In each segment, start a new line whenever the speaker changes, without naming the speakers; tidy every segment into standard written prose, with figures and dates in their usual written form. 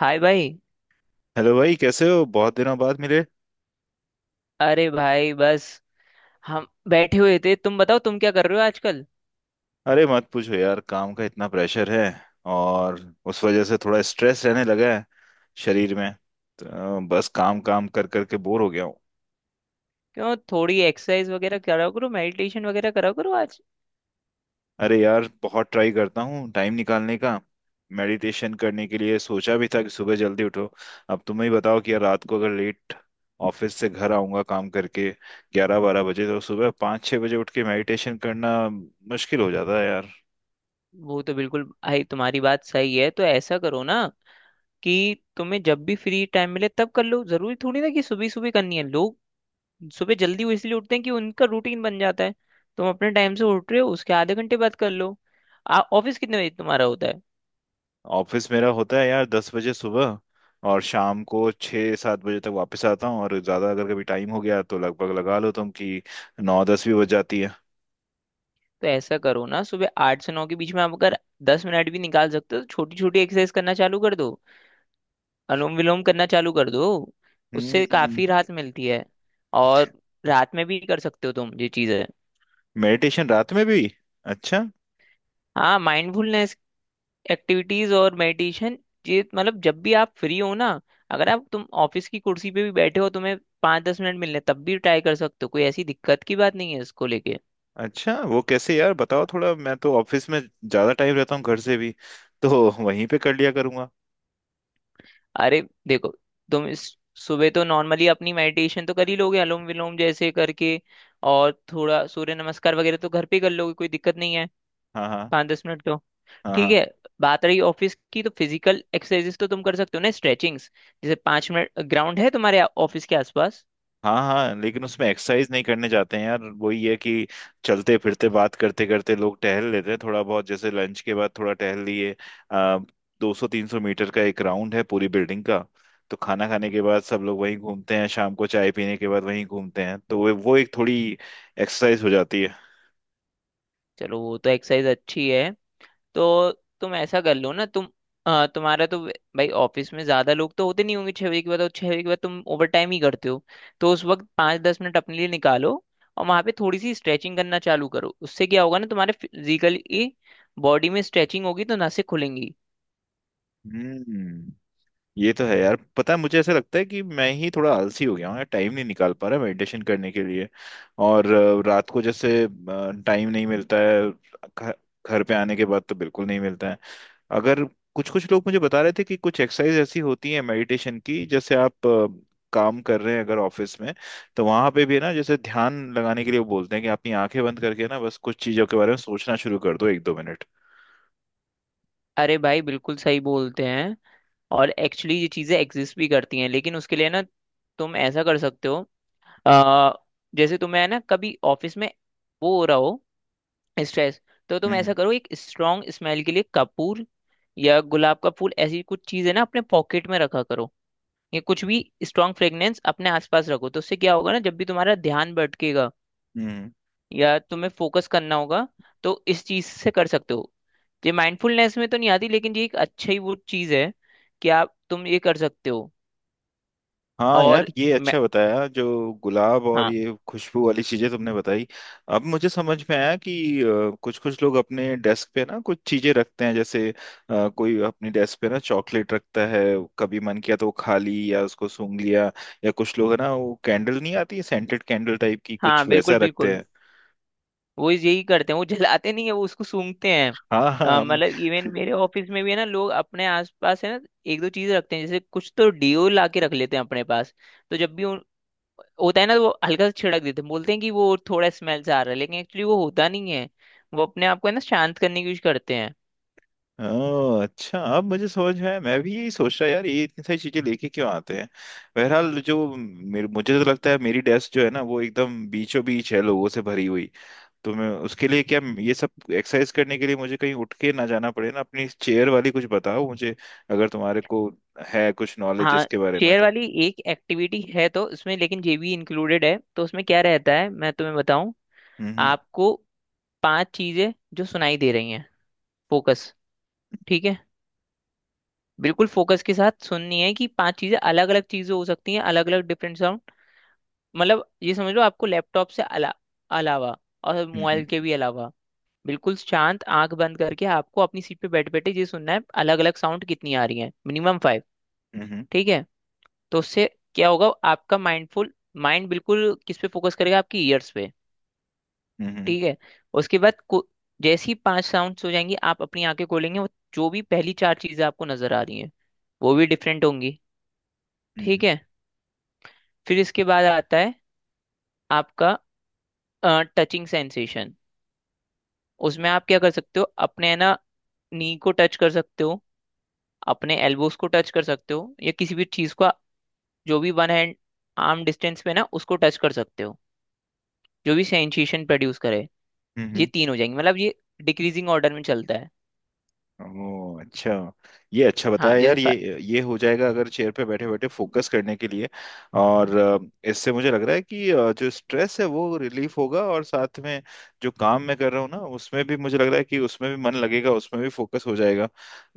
हाय भाई।
हेलो भाई, कैसे हो? बहुत दिनों बाद मिले।
अरे भाई, बस हम बैठे हुए थे। तुम बताओ, तुम क्या कर रहे हो आजकल?
अरे मत पूछो यार, काम का इतना प्रेशर है और उस वजह से थोड़ा स्ट्रेस रहने लगा है शरीर में। तो बस काम काम कर कर के बोर हो गया हूँ।
क्यों, थोड़ी एक्सरसाइज वगैरह करा करो, मेडिटेशन वगैरह करा करो आज।
अरे यार, बहुत ट्राई करता हूँ टाइम निकालने का। मेडिटेशन करने के लिए सोचा भी था कि सुबह जल्दी उठो। अब तुम ही बताओ कि यार, रात को अगर लेट ऑफिस से घर आऊंगा काम करके 11-12 बजे, तो सुबह 5-6 बजे उठ के मेडिटेशन करना मुश्किल हो जाता है यार।
वो तो बिल्कुल भाई, तुम्हारी बात सही है। तो ऐसा करो ना कि तुम्हें जब भी फ्री टाइम मिले तब कर लो। जरूरी थोड़ी ना कि सुबह सुबह करनी है। लोग सुबह जल्दी वो इसलिए उठते हैं कि उनका रूटीन बन जाता है। तुम अपने टाइम से उठ रहे हो, उसके आधे घंटे बाद कर लो। ऑफिस कितने बजे तुम्हारा होता है?
ऑफिस मेरा होता है यार 10 बजे सुबह, और शाम को 6-7 बजे तक वापस आता हूँ। और ज़्यादा अगर कभी टाइम हो गया तो लगभग लगा लो तुम कि 9-10 भी बज जाती है।
तो ऐसा करो ना, सुबह 8 से 9 के बीच में आप अगर 10 मिनट भी निकाल सकते हो तो छोटी छोटी एक्सरसाइज करना चालू कर दो। अनुलोम विलोम करना चालू कर दो। उससे
हम्म।
काफी राहत मिलती है। और रात में भी कर सकते हो तुम, ये चीज है।
मेडिटेशन रात में भी? अच्छा।
हाँ, माइंडफुलनेस एक्टिविटीज और मेडिटेशन। ये मतलब जब भी आप फ्री हो ना, अगर आप तुम ऑफिस की कुर्सी पे भी बैठे हो, तुम्हें 5 10 मिनट मिल रहे हैं, तब भी ट्राई कर सकते हो। कोई ऐसी दिक्कत की बात नहीं है इसको लेके।
अच्छा वो कैसे यार, बताओ थोड़ा। मैं तो ऑफिस में ज़्यादा टाइम रहता हूँ घर से भी, तो वहीं पे कर लिया करूँगा।
अरे, देखो, तुम इस सुबह तो नॉर्मली अपनी मेडिटेशन तो कर ही लोगे, अनुलोम विलोम जैसे करके। और थोड़ा सूर्य नमस्कार वगैरह तो घर पे ही कर लोगे, कोई दिक्कत नहीं है।
हाँ हाँ।
5 10 मिनट तो।
हाँ
ठीक
हाँ।
है। बात रही ऑफिस की, तो फिजिकल एक्सरसाइजेस तो तुम कर सकते हो ना, स्ट्रेचिंग्स। जैसे 5 मिनट ग्राउंड है तुम्हारे ऑफिस के आसपास।
हाँ हाँ। लेकिन उसमें एक्सरसाइज नहीं करने जाते हैं यार, वही है कि चलते फिरते बात करते करते लोग टहल लेते हैं थोड़ा बहुत, जैसे लंच के बाद थोड़ा टहल लिए आ, 200-300 मीटर का एक राउंड है पूरी बिल्डिंग का। तो खाना खाने के बाद सब लोग वहीं घूमते हैं, शाम को चाय पीने के बाद वहीं घूमते हैं, तो वो एक थोड़ी एक्सरसाइज हो जाती है।
चलो, वो तो एक्सरसाइज अच्छी है। तो तुम ऐसा कर लो ना तुम, तुम्हारा तो भाई ऑफिस में ज्यादा लोग तो होते नहीं होंगे 6 बजे के बाद। और 6 बजे के बाद तुम ओवर टाइम ही करते हो, तो उस वक्त 5 10 मिनट अपने लिए निकालो। और वहां पे थोड़ी सी स्ट्रेचिंग करना चालू करो। उससे क्या होगा ना, तुम्हारे फिजिकली बॉडी में स्ट्रेचिंग होगी तो नसें खुलेंगी।
हम्म। ये तो है यार। पता है, मुझे ऐसा लगता है कि मैं ही थोड़ा आलसी हो गया हूँ, टाइम नहीं निकाल पा रहा मेडिटेशन करने के लिए। और रात को जैसे टाइम नहीं मिलता है। घ- घर पे आने के बाद तो बिल्कुल नहीं मिलता है। अगर कुछ कुछ लोग मुझे बता रहे थे कि कुछ एक्सरसाइज ऐसी होती है मेडिटेशन की। जैसे आप काम कर रहे हैं अगर ऑफिस में, तो वहां पे भी ना जैसे ध्यान लगाने के लिए वो बोलते हैं कि अपनी आंखें बंद करके ना बस कुछ चीजों के बारे में सोचना शुरू कर दो 1-2 मिनट।
अरे भाई, बिल्कुल सही बोलते हैं। और एक्चुअली ये चीजें एग्जिस्ट भी करती हैं, लेकिन उसके लिए ना तुम ऐसा कर सकते हो। अ, जैसे तुम्हें है ना, कभी ऑफिस में वो हो रहा हो, स्ट्रेस। तो तुम ऐसा
हम्म,
करो, एक स्ट्रॉन्ग स्मेल के लिए कपूर या गुलाब का फूल, ऐसी कुछ चीज है ना, अपने पॉकेट में रखा करो। ये कुछ भी स्ट्रॉन्ग फ्रेग्रेंस अपने आसपास रखो, तो उससे क्या होगा ना, जब भी तुम्हारा ध्यान भटकेगा
हम्म,
या तुम्हें फोकस करना होगा तो इस चीज से कर सकते हो। ये माइंडफुलनेस में तो नहीं आती, लेकिन ये एक अच्छा ही वो चीज है कि आप तुम ये कर सकते हो।
हाँ यार,
और
ये
मैं,
अच्छा बताया, जो गुलाब और
हाँ।
ये खुशबू वाली चीजें तुमने बताई। अब मुझे समझ में आया कि कुछ कुछ लोग अपने डेस्क पे ना कुछ चीजें रखते हैं। जैसे कोई अपनी डेस्क पे ना चॉकलेट रखता है, कभी मन किया तो वो खा ली या उसको सूंघ लिया। या कुछ लोग है ना, वो कैंडल नहीं आती सेंटेड कैंडल टाइप की,
हाँ,
कुछ वैसा
बिल्कुल
रखते
बिल्कुल।
हैं।
वो यही करते हैं, वो जलाते नहीं है, वो उसको सूंघते हैं।
हाँ हाँ।
मतलब इवन मेरे ऑफिस में भी है ना, लोग अपने आसपास है ना एक दो चीज रखते हैं। जैसे कुछ तो डिओ ला के रख लेते हैं अपने पास। तो जब भी होता है ना तो वो हल्का सा छिड़क देते हैं। बोलते हैं कि वो थोड़ा स्मेल से आ रहा है, लेकिन एक्चुअली वो होता नहीं है। वो अपने आप को है ना शांत करने की कोशिश करते हैं।
ओह अच्छा, अब मुझे समझ में आया। मैं भी यही सोच रहा यार, ये इतनी सारी चीजें लेके क्यों आते हैं। बहरहाल, जो मेरे मुझे तो लगता है, मेरी डेस्क जो है ना वो एकदम बीचों बीच है, लोगों से भरी हुई। तो मैं उसके लिए क्या, ये सब एक्सरसाइज करने के लिए मुझे कहीं उठ के ना जाना पड़े ना, अपनी चेयर वाली कुछ बताओ मुझे, अगर तुम्हारे को है कुछ नॉलेज
हाँ,
इसके बारे में
चेयर
तो।
वाली एक एक्टिविटी है तो उसमें, लेकिन ये भी इंक्लूडेड है। तो उसमें क्या रहता है मैं तुम्हें बताऊं।
हम्म,
आपको पांच चीजें जो सुनाई दे रही हैं, फोकस। ठीक है? बिल्कुल फोकस के साथ सुननी है कि पांच चीजें, अलग अलग चीजें हो सकती हैं, अलग अलग डिफरेंट साउंड। मतलब ये समझ लो, आपको लैपटॉप से अलावा और
हम्म,
मोबाइल
हम्म,
के भी अलावा, बिल्कुल शांत, आंख बंद करके आपको अपनी सीट पे बैठे बैठे ये सुनना है अलग अलग साउंड कितनी आ रही है, मिनिमम फाइव।
हम्म,
ठीक है? तो उससे क्या होगा, आपका माइंडफुल माइंड बिल्कुल किस पे फोकस करेगा? आपकी ईयर्स पे।
हम्म, हम्म, हम्म, हम्म,
ठीक है? उसके बाद जैसी पांच साउंड्स हो जाएंगी, आप अपनी आंखें खोलेंगे। वो जो भी पहली चार चीजें आपको नजर आ रही हैं वो भी डिफरेंट होंगी।
हम्म,
ठीक है? फिर इसके बाद आता है आपका टचिंग सेंसेशन। उसमें आप क्या कर सकते हो, अपने है ना नी को टच कर सकते हो, अपने एल्बोस को टच कर सकते हो, या किसी भी चीज को जो भी वन हैंड आर्म डिस्टेंस पे ना उसको टच कर सकते हो, जो भी सेंसेशन प्रोड्यूस करे।
हम्म,
ये
हम्म।
तीन हो जाएंगे, मतलब ये डिक्रीजिंग ऑर्डर में चलता है।
ओह अच्छा। ये अच्छा
हाँ
बताया
जैसे,
यार, ये हो जाएगा अगर चेयर पे बैठे बैठे फोकस करने के लिए। और इससे मुझे लग रहा है कि जो स्ट्रेस है वो रिलीफ होगा, और साथ में जो काम मैं कर रहा हूँ ना उसमें भी मुझे लग रहा है कि उसमें भी मन लगेगा, उसमें भी फोकस हो जाएगा।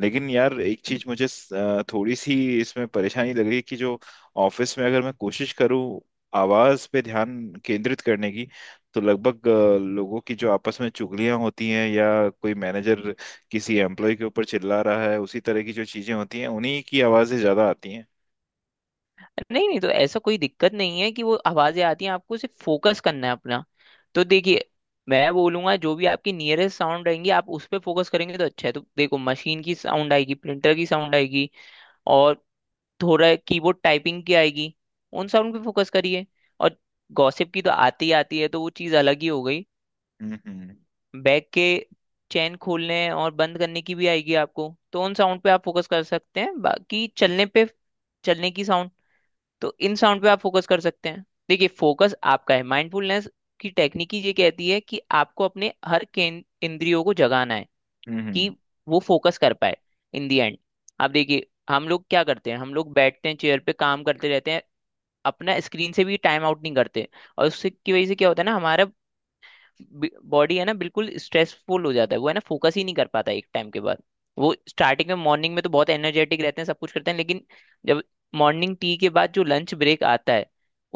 लेकिन यार एक चीज मुझे थोड़ी सी इसमें परेशानी लग रही है, कि जो ऑफिस में अगर मैं कोशिश करूँ आवाज पे ध्यान केंद्रित करने की, तो लगभग लोगों की जो आपस में चुगलियां होती हैं, या कोई मैनेजर किसी एम्प्लॉय के ऊपर चिल्ला रहा है, उसी तरह की जो चीजें होती हैं उन्हीं की आवाजें ज्यादा आती हैं।
नहीं नहीं, तो ऐसा कोई दिक्कत नहीं है कि वो आवाजें आती हैं, आपको सिर्फ फोकस करना है अपना। तो देखिए, मैं बोलूंगा जो भी आपकी नियरेस्ट साउंड रहेंगी, आप उस पर फोकस करेंगे तो अच्छा है। तो देखो, मशीन की साउंड आएगी, प्रिंटर की साउंड आएगी, और थोड़ा कीबोर्ड टाइपिंग की आएगी। उन साउंड पे फोकस करिए। और गॉसिप की तो आती ही आती है, तो वो चीज़ अलग ही हो गई।
हम्म, हम्म,
बैग के चैन खोलने और बंद करने की भी आएगी आपको, तो उन साउंड पे आप फोकस कर सकते हैं। बाकी चलने पे, चलने की साउंड, तो इन साउंड पे आप फोकस कर सकते हैं। देखिए, फोकस आपका है। माइंडफुलनेस की टेक्निक ही ये कहती है कि आपको अपने हर इंद्रियों को जगाना है कि
हम्म,
वो फोकस कर पाए। इन दी एंड आप देखिए, हम लोग क्या करते हैं, हम लोग बैठते हैं चेयर पे, काम करते रहते हैं, अपना स्क्रीन से भी टाइम आउट नहीं करते। और उससे की वजह से क्या होता है ना, हमारा बॉडी है ना बिल्कुल स्ट्रेसफुल हो जाता है, वो है ना फोकस ही नहीं कर पाता एक टाइम के बाद। वो स्टार्टिंग में, मॉर्निंग में तो बहुत एनर्जेटिक रहते हैं, सब कुछ करते हैं, लेकिन जब मॉर्निंग टी के बाद जो लंच ब्रेक आता है,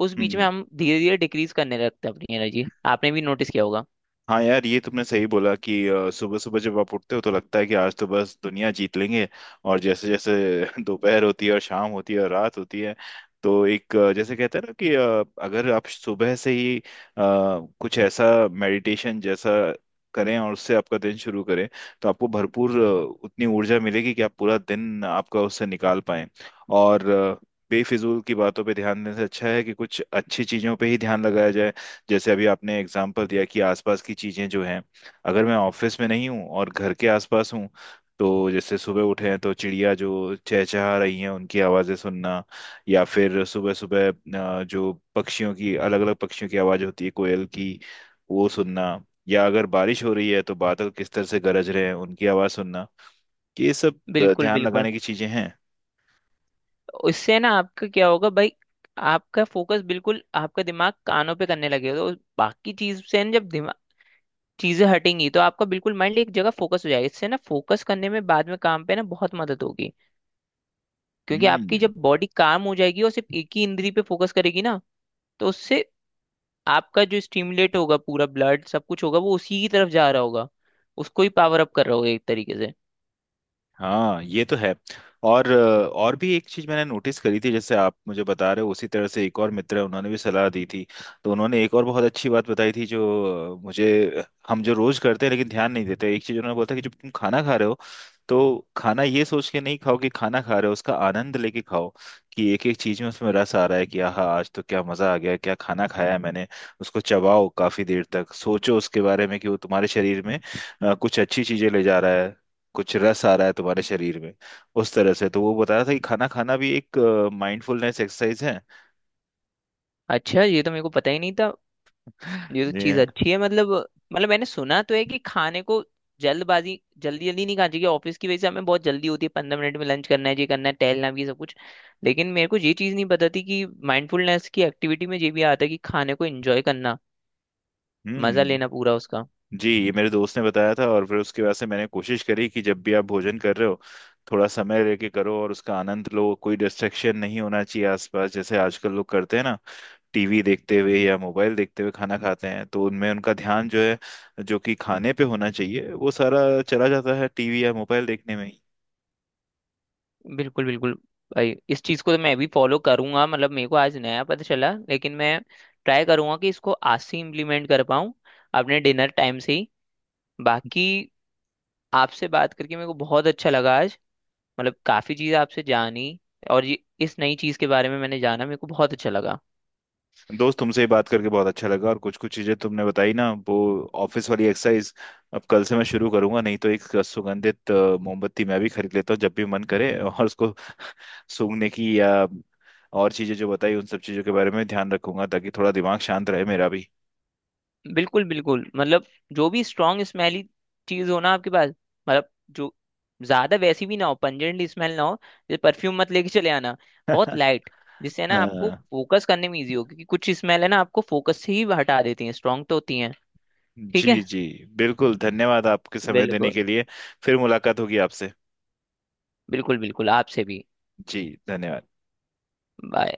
उस बीच में
हम्म।
हम धीरे धीरे डिक्रीज करने लगते हैं अपनी एनर्जी। आपने भी नोटिस किया होगा।
हाँ यार, ये तुमने सही बोला कि सुबह सुबह जब आप उठते हो तो लगता है कि आज तो बस दुनिया जीत लेंगे। और जैसे जैसे दोपहर होती है और शाम होती है और रात होती है, तो एक जैसे कहते हैं ना कि अगर आप सुबह से ही कुछ ऐसा मेडिटेशन जैसा करें और उससे आपका दिन शुरू करें, तो आपको भरपूर उतनी ऊर्जा मिलेगी कि आप पूरा दिन आपका उससे निकाल पाएं। और बेफिजूल की बातों पे ध्यान देने से अच्छा है कि कुछ अच्छी चीजों पे ही ध्यान लगाया जाए। जैसे अभी आपने एग्जाम्पल दिया कि आसपास की चीजें जो हैं, अगर मैं ऑफिस में नहीं हूँ और घर के आसपास हूँ, तो जैसे सुबह उठे हैं तो चिड़िया जो चहचहा रही हैं उनकी आवाजें सुनना। या फिर सुबह सुबह जो पक्षियों की, अलग अलग पक्षियों की आवाज होती है कोयल की, वो सुनना। या अगर बारिश हो रही है तो बादल किस तरह से गरज रहे हैं उनकी आवाज सुनना। ये सब
बिल्कुल
ध्यान
बिल्कुल।
लगाने की चीजें हैं।
उससे ना आपका क्या होगा भाई, आपका फोकस बिल्कुल, आपका दिमाग कानों पे करने लगेगा। तो बाकी चीज से ना जब दिमाग चीजें हटेंगी तो आपका बिल्कुल माइंड एक जगह फोकस हो जाएगा। इससे ना फोकस करने में बाद में काम पे ना बहुत मदद होगी, क्योंकि आपकी
हम्म।
जब बॉडी काम हो जाएगी और सिर्फ एक ही इंद्री पे फोकस करेगी ना, तो उससे आपका जो स्टिमुलेट होगा पूरा, ब्लड सब कुछ होगा वो उसी की तरफ जा रहा होगा, उसको ही पावर अप कर रहा होगा एक तरीके से।
हाँ, ये तो है। और और भी एक चीज मैंने नोटिस करी थी, जैसे आप मुझे बता रहे हो उसी तरह से एक और मित्र है, उन्होंने भी सलाह दी थी। तो उन्होंने एक और बहुत अच्छी बात बताई थी, जो मुझे, हम जो रोज करते हैं लेकिन ध्यान नहीं देते। एक चीज उन्होंने बोला था कि जब तुम खाना खा रहे हो, तो खाना ये सोच के नहीं खाओ कि खाना खा रहे हो, उसका आनंद लेके खाओ, कि एक एक चीज में उसमें रस आ रहा है, कि आह आज तो क्या मजा आ गया, क्या खाना खाया है मैंने। उसको चबाओ काफी देर तक, सोचो उसके बारे में कि वो तुम्हारे शरीर में कुछ अच्छी चीजें ले जा रहा है, कुछ रस आ रहा है तुम्हारे शरीर में। उस तरह से तो वो बता रहा था कि खाना खाना भी एक माइंडफुलनेस एक्सरसाइज है।
अच्छा, ये तो मेरे को पता ही नहीं था। ये तो
जी
चीज़
हाँ।
अच्छी है, मतलब। मैंने सुना तो है कि खाने को जल्दबाजी, जल्दी जल्दी नहीं खाना चाहिए। ऑफिस की वजह से हमें बहुत जल्दी होती है, 15 मिनट में लंच करना है, ये करना है, टहलना भी है, सब कुछ। लेकिन मेरे को ये चीज़ नहीं पता थी कि माइंडफुलनेस की एक्टिविटी में ये भी आता है कि खाने को एंजॉय करना, मजा
हम्म।
लेना पूरा उसका।
जी, ये मेरे दोस्त ने बताया था। और फिर उसके बाद से मैंने कोशिश करी कि जब भी आप भोजन कर रहे हो, थोड़ा समय लेके करो और उसका आनंद लो, कोई डिस्ट्रैक्शन नहीं होना चाहिए आसपास। जैसे आजकल लोग करते हैं ना, टीवी देखते हुए या मोबाइल देखते हुए खाना खाते हैं, तो उनमें उनका ध्यान जो है, जो कि खाने पे होना चाहिए, वो सारा चला जाता है टीवी या मोबाइल देखने में।
बिल्कुल बिल्कुल। भाई, इस चीज को तो मैं भी फॉलो करूंगा, मतलब मेरे को आज नया पता चला। लेकिन मैं ट्राई करूंगा कि इसको आज से इम्प्लीमेंट कर पाऊँ अपने डिनर टाइम से ही। बाकी आपसे बात करके मेरे को बहुत अच्छा लगा आज, मतलब काफी चीज आपसे जानी, और ये इस नई चीज के बारे में मैंने जाना, मेरे को बहुत अच्छा लगा।
दोस्त, तुमसे ही बात करके बहुत अच्छा लगा। और कुछ कुछ चीजें तुमने बताई ना वो, ऑफिस वाली एक्सरसाइज अब कल से मैं शुरू करूंगा। नहीं तो एक सुगंधित मोमबत्ती मैं भी खरीद लेता हूँ, जब भी मन करे और उसको सूंघने की, या और चीजें जो बताई उन सब चीजों के बारे में ध्यान रखूंगा, ताकि थोड़ा दिमाग शांत रहे मेरा भी।
बिल्कुल बिल्कुल। मतलब जो भी स्ट्रांग स्मेली चीज हो ना आपके पास, मतलब जो ज्यादा वैसी भी ना हो, पंजेंट स्मेल ना हो, जैसे परफ्यूम मत लेके चले आना। बहुत लाइट, जिससे ना आपको
हाँ,
फोकस करने में इजी हो। क्योंकि कुछ स्मेल है ना आपको फोकस से ही हटा देती हैं, स्ट्रांग तो होती हैं। ठीक
जी
है।
जी। बिल्कुल, धन्यवाद आपके समय देने
बिल्कुल
के लिए। फिर मुलाकात होगी आपसे।
बिल्कुल। बिल्कुल आपसे भी।
जी, धन्यवाद।
बाय।